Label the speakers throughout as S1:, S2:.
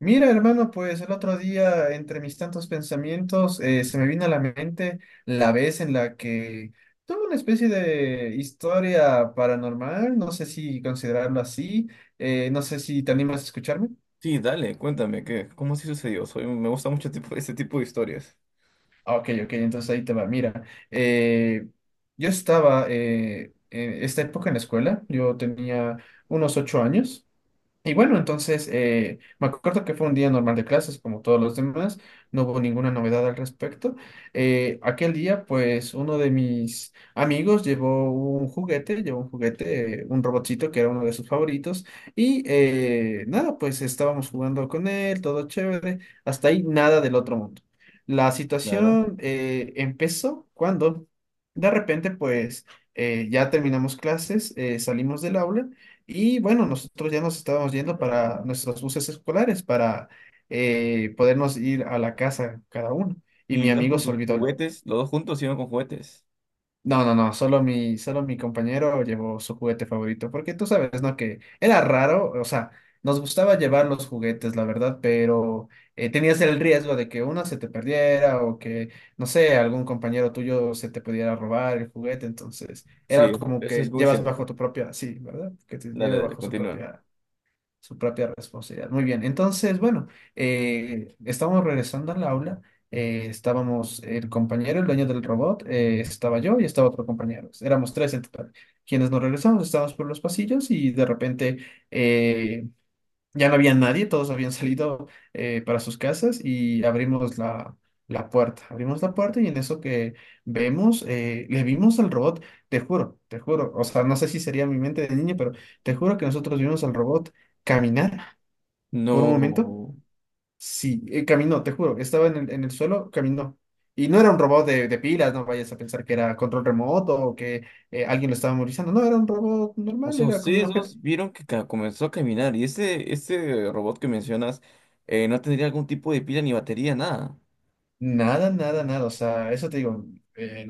S1: Mira, hermano, pues el otro día, entre mis tantos pensamientos, se me vino a la mente la vez en la que tuve una especie de historia paranormal, no sé si considerarlo así, no sé si te animas a escucharme.
S2: Sí, dale, cuéntame, ¿qué? ¿Cómo así sucedió? Me gusta mucho tipo, este tipo de historias.
S1: Ah, ok, ok, entonces ahí te va. Mira, eh, yo estaba en esta época en la escuela, yo tenía unos ocho años. Y bueno, entonces me acuerdo que fue un día normal de clases, como todos los demás, no hubo ninguna novedad al respecto. Aquel día, pues uno de mis amigos llevó un juguete, un robotcito que era uno de sus favoritos, y nada, pues estábamos jugando con él, todo chévere, hasta ahí nada del otro mundo. La
S2: Claro.
S1: situación empezó cuando de repente, pues ya terminamos clases, salimos del aula. Y bueno, nosotros ya nos estábamos yendo para nuestros buses escolares para podernos ir a la casa cada uno. Y
S2: ¿Y
S1: mi
S2: ibas
S1: amigo
S2: con
S1: se
S2: tus
S1: olvidó
S2: juguetes? ¿Los dos juntos iban con juguetes?
S1: no, no, no, solo mi compañero llevó su juguete favorito, porque tú sabes, ¿no? Que era raro, o sea, nos gustaba llevar los juguetes, la verdad, pero tenías el riesgo de que uno se te perdiera o que, no sé, algún compañero tuyo se te pudiera robar el juguete, entonces era
S2: Sí,
S1: como
S2: eso es
S1: que
S2: muy
S1: llevas
S2: cierto.
S1: bajo tu propia, sí, ¿verdad? Que te
S2: Dale,
S1: lleve
S2: dale,
S1: bajo
S2: continúa.
S1: su propia responsabilidad. Muy bien, entonces, bueno, estábamos regresando al aula, estábamos el compañero, el dueño del robot, estaba yo y estaba otro compañero, éramos tres en total. Quienes nos regresamos, estábamos por los pasillos y de repente, eh, ya no había nadie, todos habían salido para sus casas y abrimos la puerta. Abrimos la puerta y en eso que vemos, le vimos al robot, te juro, o sea, no sé si sería mi mente de niño, pero te juro que nosotros vimos al robot caminar por un momento.
S2: No.
S1: Sí, caminó, te juro, estaba en en el suelo, caminó. Y no era un robot de pilas, no vayas a pensar que era control remoto o que alguien lo estaba movilizando, no, era un robot
S2: O
S1: normal,
S2: sea,
S1: era como un
S2: ustedes
S1: objeto.
S2: dos vieron que comenzó a caminar y este robot que mencionas no tendría algún tipo de pila ni batería, nada.
S1: Nada, nada, nada. O sea, eso te digo, eh,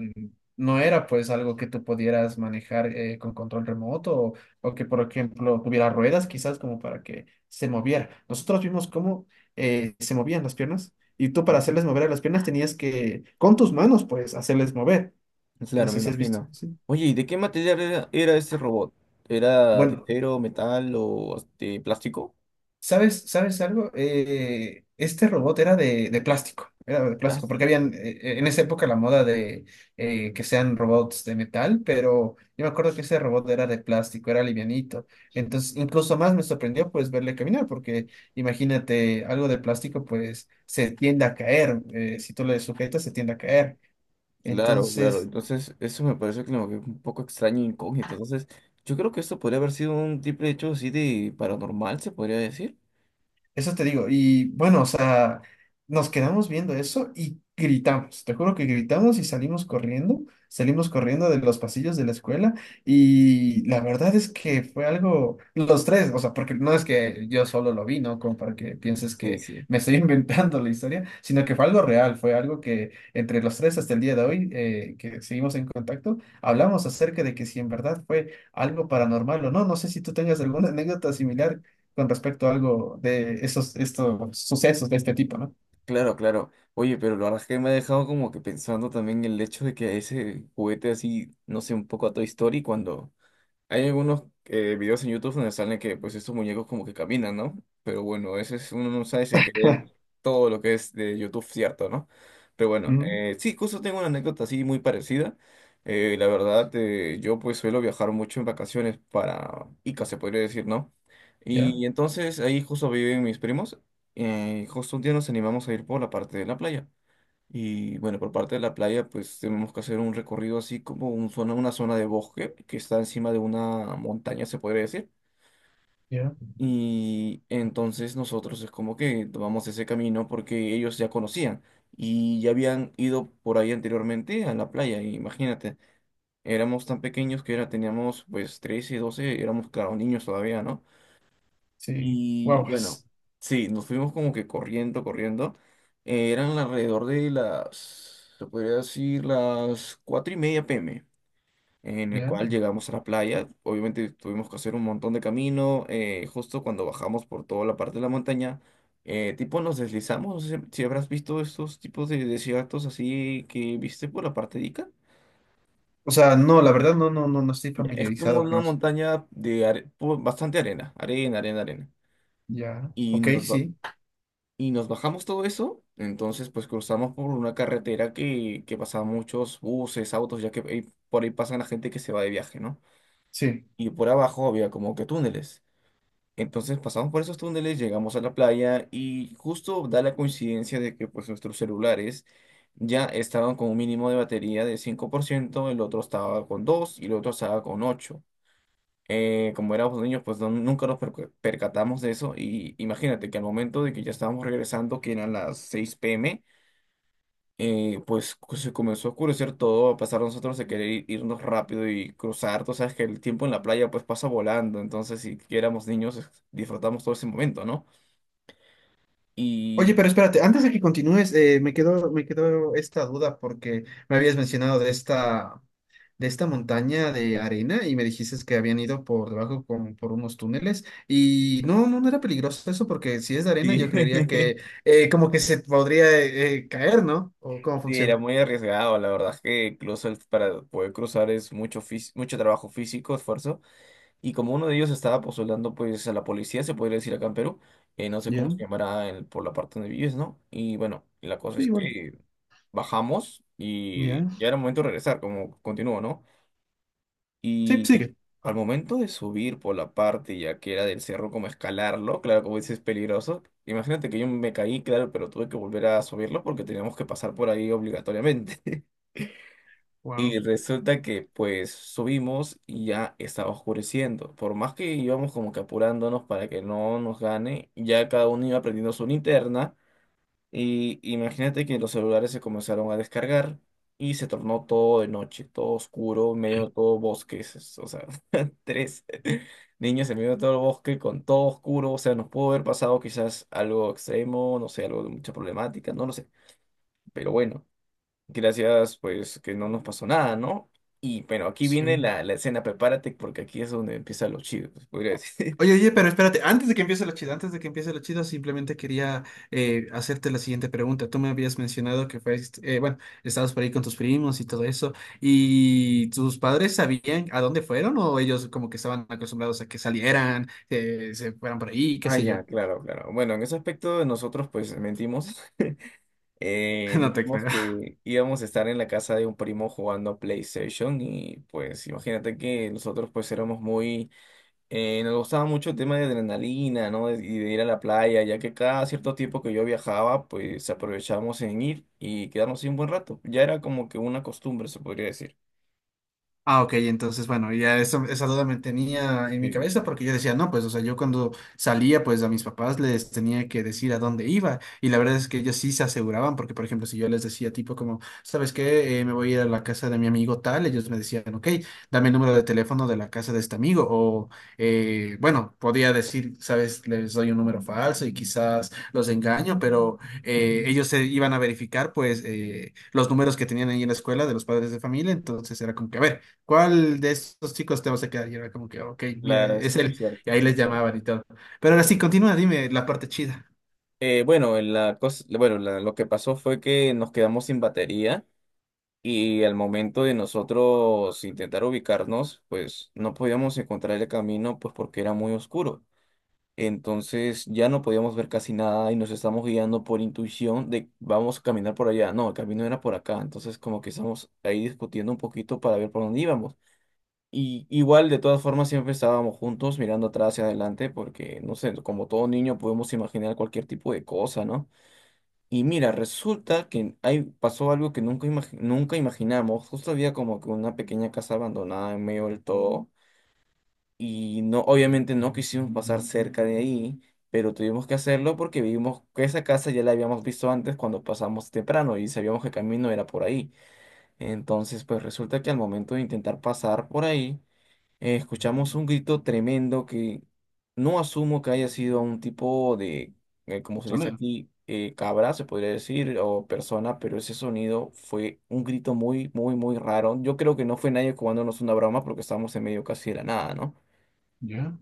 S1: no era pues algo que tú pudieras manejar con control remoto o que, por ejemplo, tuviera ruedas quizás como para que se moviera. Nosotros vimos cómo se movían las piernas y tú para
S2: Ujú.
S1: hacerles mover a las piernas tenías que, con tus manos, pues, hacerles mover. No
S2: Claro, me
S1: sé si has visto.
S2: imagino.
S1: Sí.
S2: Oye, ¿y de qué material era, este robot? ¿Era de
S1: Bueno,
S2: acero, metal o de plástico?
S1: ¿sabes, sabes algo? Este robot era de plástico, era de plástico, porque
S2: Plástico.
S1: habían en esa época la moda de que sean robots de metal, pero yo me acuerdo que ese robot era de plástico, era livianito. Entonces, incluso más me sorprendió pues verle caminar, porque imagínate, algo de plástico pues se tiende a caer, si tú le sujetas se tiende a caer.
S2: Claro, claro.
S1: Entonces...
S2: Entonces, eso me parece como que un poco extraño e incógnito. Entonces, yo creo que esto podría haber sido un triple hecho así de paranormal, se podría decir.
S1: Eso te digo. Y bueno, o sea, nos quedamos viendo eso y gritamos. Te juro que gritamos y salimos corriendo. Salimos corriendo de los pasillos de la escuela. Y la verdad es que fue algo, los tres, o sea, porque no es que yo solo lo vi, ¿no? Como para que pienses
S2: Sí,
S1: que
S2: sí.
S1: me estoy inventando la historia, sino que fue algo real. Fue algo que entre los tres hasta el día de hoy, que seguimos en contacto, hablamos acerca de que si en verdad fue algo paranormal o no. No sé si tú tengas alguna anécdota similar con respecto a algo de esos, estos sucesos de este tipo, ¿no?
S2: Claro, claro. Oye, pero la verdad es que me ha dejado como que pensando también el hecho de que ese juguete así, no sé, un poco a Toy Story. Cuando hay algunos videos en YouTube donde salen que pues estos muñecos como que caminan, ¿no? Pero bueno, uno no sabe si creer todo lo que es de YouTube cierto, ¿no? Pero bueno,
S1: Ujú.
S2: sí, justo tengo una anécdota así muy parecida. La verdad, yo pues suelo viajar mucho en vacaciones para Ica, se podría decir, ¿no?
S1: Ya,
S2: Y entonces ahí justo viven mis primos. Justo un día nos animamos a ir por la parte de la playa. Y bueno, por parte de la playa, pues tenemos que hacer un recorrido así como una zona de bosque que está encima de una montaña, se podría decir.
S1: ya,
S2: Y entonces nosotros es como que tomamos ese camino porque ellos ya conocían y ya habían ido por ahí anteriormente a la playa. Y imagínate, éramos tan pequeños teníamos pues 13 12 éramos, claro, niños todavía, ¿no?
S1: sí,
S2: Y bueno,
S1: guaguas,
S2: sí, nos fuimos como que corriendo, corriendo. Eran alrededor de las, se podría decir, las 4:30 p.m., en el
S1: ya.
S2: cual llegamos a la playa. Obviamente tuvimos que hacer un montón de camino. Justo cuando bajamos por toda la parte de la montaña, tipo nos deslizamos. No sé si habrás visto estos tipos de desiertos así que viste por la parte de Ica.
S1: O sea, no, la verdad no, no, no, no estoy
S2: Ya. Es como
S1: familiarizado con
S2: una
S1: eso.
S2: montaña de bastante arena, arena, arena, arena.
S1: Ya,
S2: Y
S1: ok,
S2: nos,
S1: sí.
S2: Y nos bajamos todo eso, entonces pues cruzamos por una carretera que pasaba muchos buses, autos, ya que por ahí pasan la gente que se va de viaje, ¿no?
S1: Sí,
S2: Y por abajo había como que túneles. Entonces pasamos por esos túneles, llegamos a la playa y justo da la coincidencia de que pues nuestros celulares ya estaban con un mínimo de batería de 5%, el otro estaba con 2 y el otro estaba con ocho. Como éramos niños, pues nunca nos percatamos de eso. Y imagínate que al momento de que ya estábamos regresando, que eran las 6 p.m., pues se comenzó a oscurecer todo, a pasar nosotros de querer irnos rápido y cruzar. Tú sabes que el tiempo en la playa pues pasa volando, entonces si que éramos niños disfrutamos todo ese momento, ¿no?
S1: oye,
S2: Y
S1: pero espérate, antes de que continúes, me quedó esta duda porque me habías mencionado de esta. De esta montaña de arena y me dijiste que habían ido por debajo con, por unos túneles y no, no, no era peligroso eso porque si es de arena
S2: sí.
S1: yo creería que como que se podría caer, ¿no? ¿O cómo
S2: Sí, era
S1: funciona?
S2: muy arriesgado, la verdad es que incluso para poder cruzar es mucho trabajo físico, esfuerzo. Y como uno de ellos estaba postulando pues a la policía, se podría decir acá en Perú, no sé cómo
S1: Ya,
S2: se llamará por la parte donde vives, ¿no? Y bueno, la cosa
S1: sí,
S2: es
S1: igual.
S2: que bajamos y
S1: Ya.
S2: ya era momento de regresar, como continúo, ¿no?
S1: Sí,
S2: Y
S1: sigue.
S2: al momento de subir por la parte ya que era del cerro, como escalarlo, claro, como dices, es peligroso. Imagínate que yo me caí, claro, pero tuve que volver a subirlo porque teníamos que pasar por ahí obligatoriamente.
S1: Wow,
S2: Y resulta que pues subimos y ya estaba oscureciendo. Por más que íbamos como que apurándonos para que no nos gane, ya cada uno iba prendiendo su linterna. Y imagínate que los celulares se comenzaron a descargar y se tornó todo de noche, todo oscuro, en medio de todo bosque. O sea, tres niños en medio de todo el bosque con todo oscuro. O sea, nos pudo haber pasado quizás algo extremo, no sé, algo de mucha problemática, no lo sé. Pero bueno. Gracias, pues que no nos pasó nada, ¿no? Y pero aquí viene
S1: sí.
S2: la escena, prepárate porque aquí es donde empiezan los chidos, podría decir.
S1: Oye, oye, pero espérate, antes de que empiece lo chido, antes de que empiece lo chido, simplemente quería hacerte la siguiente pregunta. Tú me habías mencionado que fuiste, bueno, estabas por ahí con tus primos y todo eso, ¿y tus padres sabían a dónde fueron o ellos como que estaban acostumbrados a que salieran, se fueran por ahí, qué
S2: Ah,
S1: sé
S2: ya,
S1: yo?
S2: claro, claro. Bueno, en ese aspecto nosotros pues mentimos. Eh,
S1: No te
S2: dijimos
S1: creo.
S2: que íbamos a estar en la casa de un primo jugando a PlayStation y pues imagínate que nosotros pues éramos muy. Nos gustaba mucho el tema de adrenalina, ¿no? Y de ir a la playa, ya que cada cierto tiempo que yo viajaba, pues aprovechábamos en ir y quedarnos ahí un buen rato. Ya era como que una costumbre, se podría decir.
S1: Ah, ok, entonces, bueno, ya eso, esa duda me tenía en mi
S2: Sí.
S1: cabeza porque yo decía, no, pues, o sea, yo cuando salía, pues a mis papás les tenía que decir a dónde iba y la verdad es que ellos sí se aseguraban porque, por ejemplo, si yo les decía tipo como, ¿sabes qué? Me voy a ir a la casa de mi amigo tal, ellos me decían, ok, dame el número de teléfono de la casa de este amigo o, bueno, podía decir, ¿sabes? Les doy un número falso y quizás los engaño, pero
S2: Ujú.
S1: ellos se iban a verificar, pues, los números que tenían ahí en la escuela de los padres de familia, entonces era como que, a ver. ¿Cuál de estos chicos te vas a quedar? Y era como que, ok, mira,
S2: Claro, eso es
S1: es
S2: muy
S1: él. Y
S2: cierto.
S1: ahí les
S2: Es cierto.
S1: llamaban y todo. Pero ahora sí, continúa, dime la parte chida.
S2: Bueno, la cosa, bueno, lo que pasó fue que nos quedamos sin batería y al momento de nosotros intentar ubicarnos, pues no podíamos encontrar el camino, pues porque era muy oscuro. Entonces ya no podíamos ver casi nada y nos estamos guiando por intuición de vamos a caminar por allá. No, el camino era por acá. Entonces como que estamos ahí discutiendo un poquito para ver por dónde íbamos. Y igual de todas formas siempre estábamos juntos mirando atrás y adelante porque no sé, como todo niño podemos imaginar cualquier tipo de cosa, ¿no? Y mira, resulta que ahí pasó algo que nunca imaginamos. Justo había como que una pequeña casa abandonada en medio del todo. Y no, obviamente no quisimos pasar cerca de ahí, pero tuvimos que hacerlo porque vimos que esa casa ya la habíamos visto antes cuando pasamos temprano y sabíamos que el camino era por ahí. Entonces, pues resulta que al momento de intentar pasar por ahí, escuchamos un grito tremendo que no asumo que haya sido un tipo de, como se dice
S1: Persona,
S2: aquí, cabra, se podría decir, o persona, pero ese sonido fue un grito muy, muy, muy raro. Yo creo que no fue nadie jugándonos una broma porque estábamos en medio casi de la nada, ¿no?
S1: ¿ya?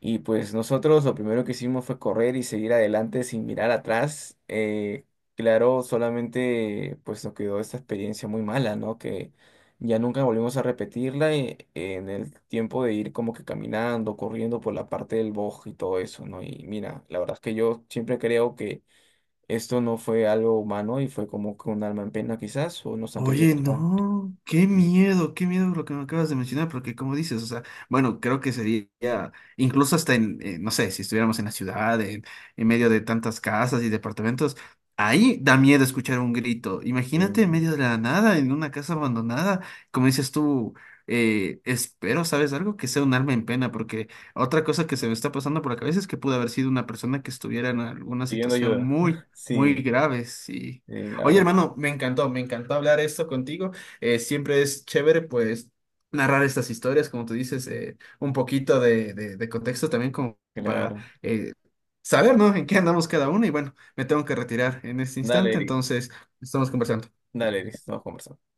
S2: Y pues nosotros lo primero que hicimos fue correr y seguir adelante sin mirar atrás. Claro, solamente pues nos quedó esta experiencia muy mala, ¿no? Que ya nunca volvimos a repetirla en el tiempo de ir como que caminando, corriendo por la parte del bosque y todo eso, ¿no? Y mira, la verdad es que yo siempre creo que esto no fue algo humano y fue como que un alma en pena quizás, o nos han querido
S1: Oye,
S2: tocar.
S1: no,
S2: Sí,
S1: qué miedo lo que me acabas de mencionar, porque como dices, o sea, bueno, creo que sería, incluso hasta en, no sé, si estuviéramos en la ciudad, en medio de tantas casas y departamentos, ahí da miedo escuchar un grito. Imagínate en
S2: sí,
S1: medio de la nada, en una casa abandonada, como dices tú, espero, ¿sabes algo? Que sea un alma en pena, porque otra cosa que se me está pasando por la cabeza es que pudo haber sido una persona que estuviera en alguna
S2: pidiendo
S1: situación
S2: ayuda.
S1: muy, muy
S2: Sí,
S1: grave, sí.
S2: sí, la
S1: Oye,
S2: verdad,
S1: hermano, me encantó hablar esto contigo. Siempre es chévere, pues, narrar estas historias, como tú dices, un poquito de, de contexto también como para
S2: claro.
S1: eh, saber, ¿no? En qué andamos cada uno. Y bueno, me tengo que retirar en este
S2: Dale,
S1: instante,
S2: Eric.
S1: entonces estamos conversando.
S2: Dale, listo, vamos conversando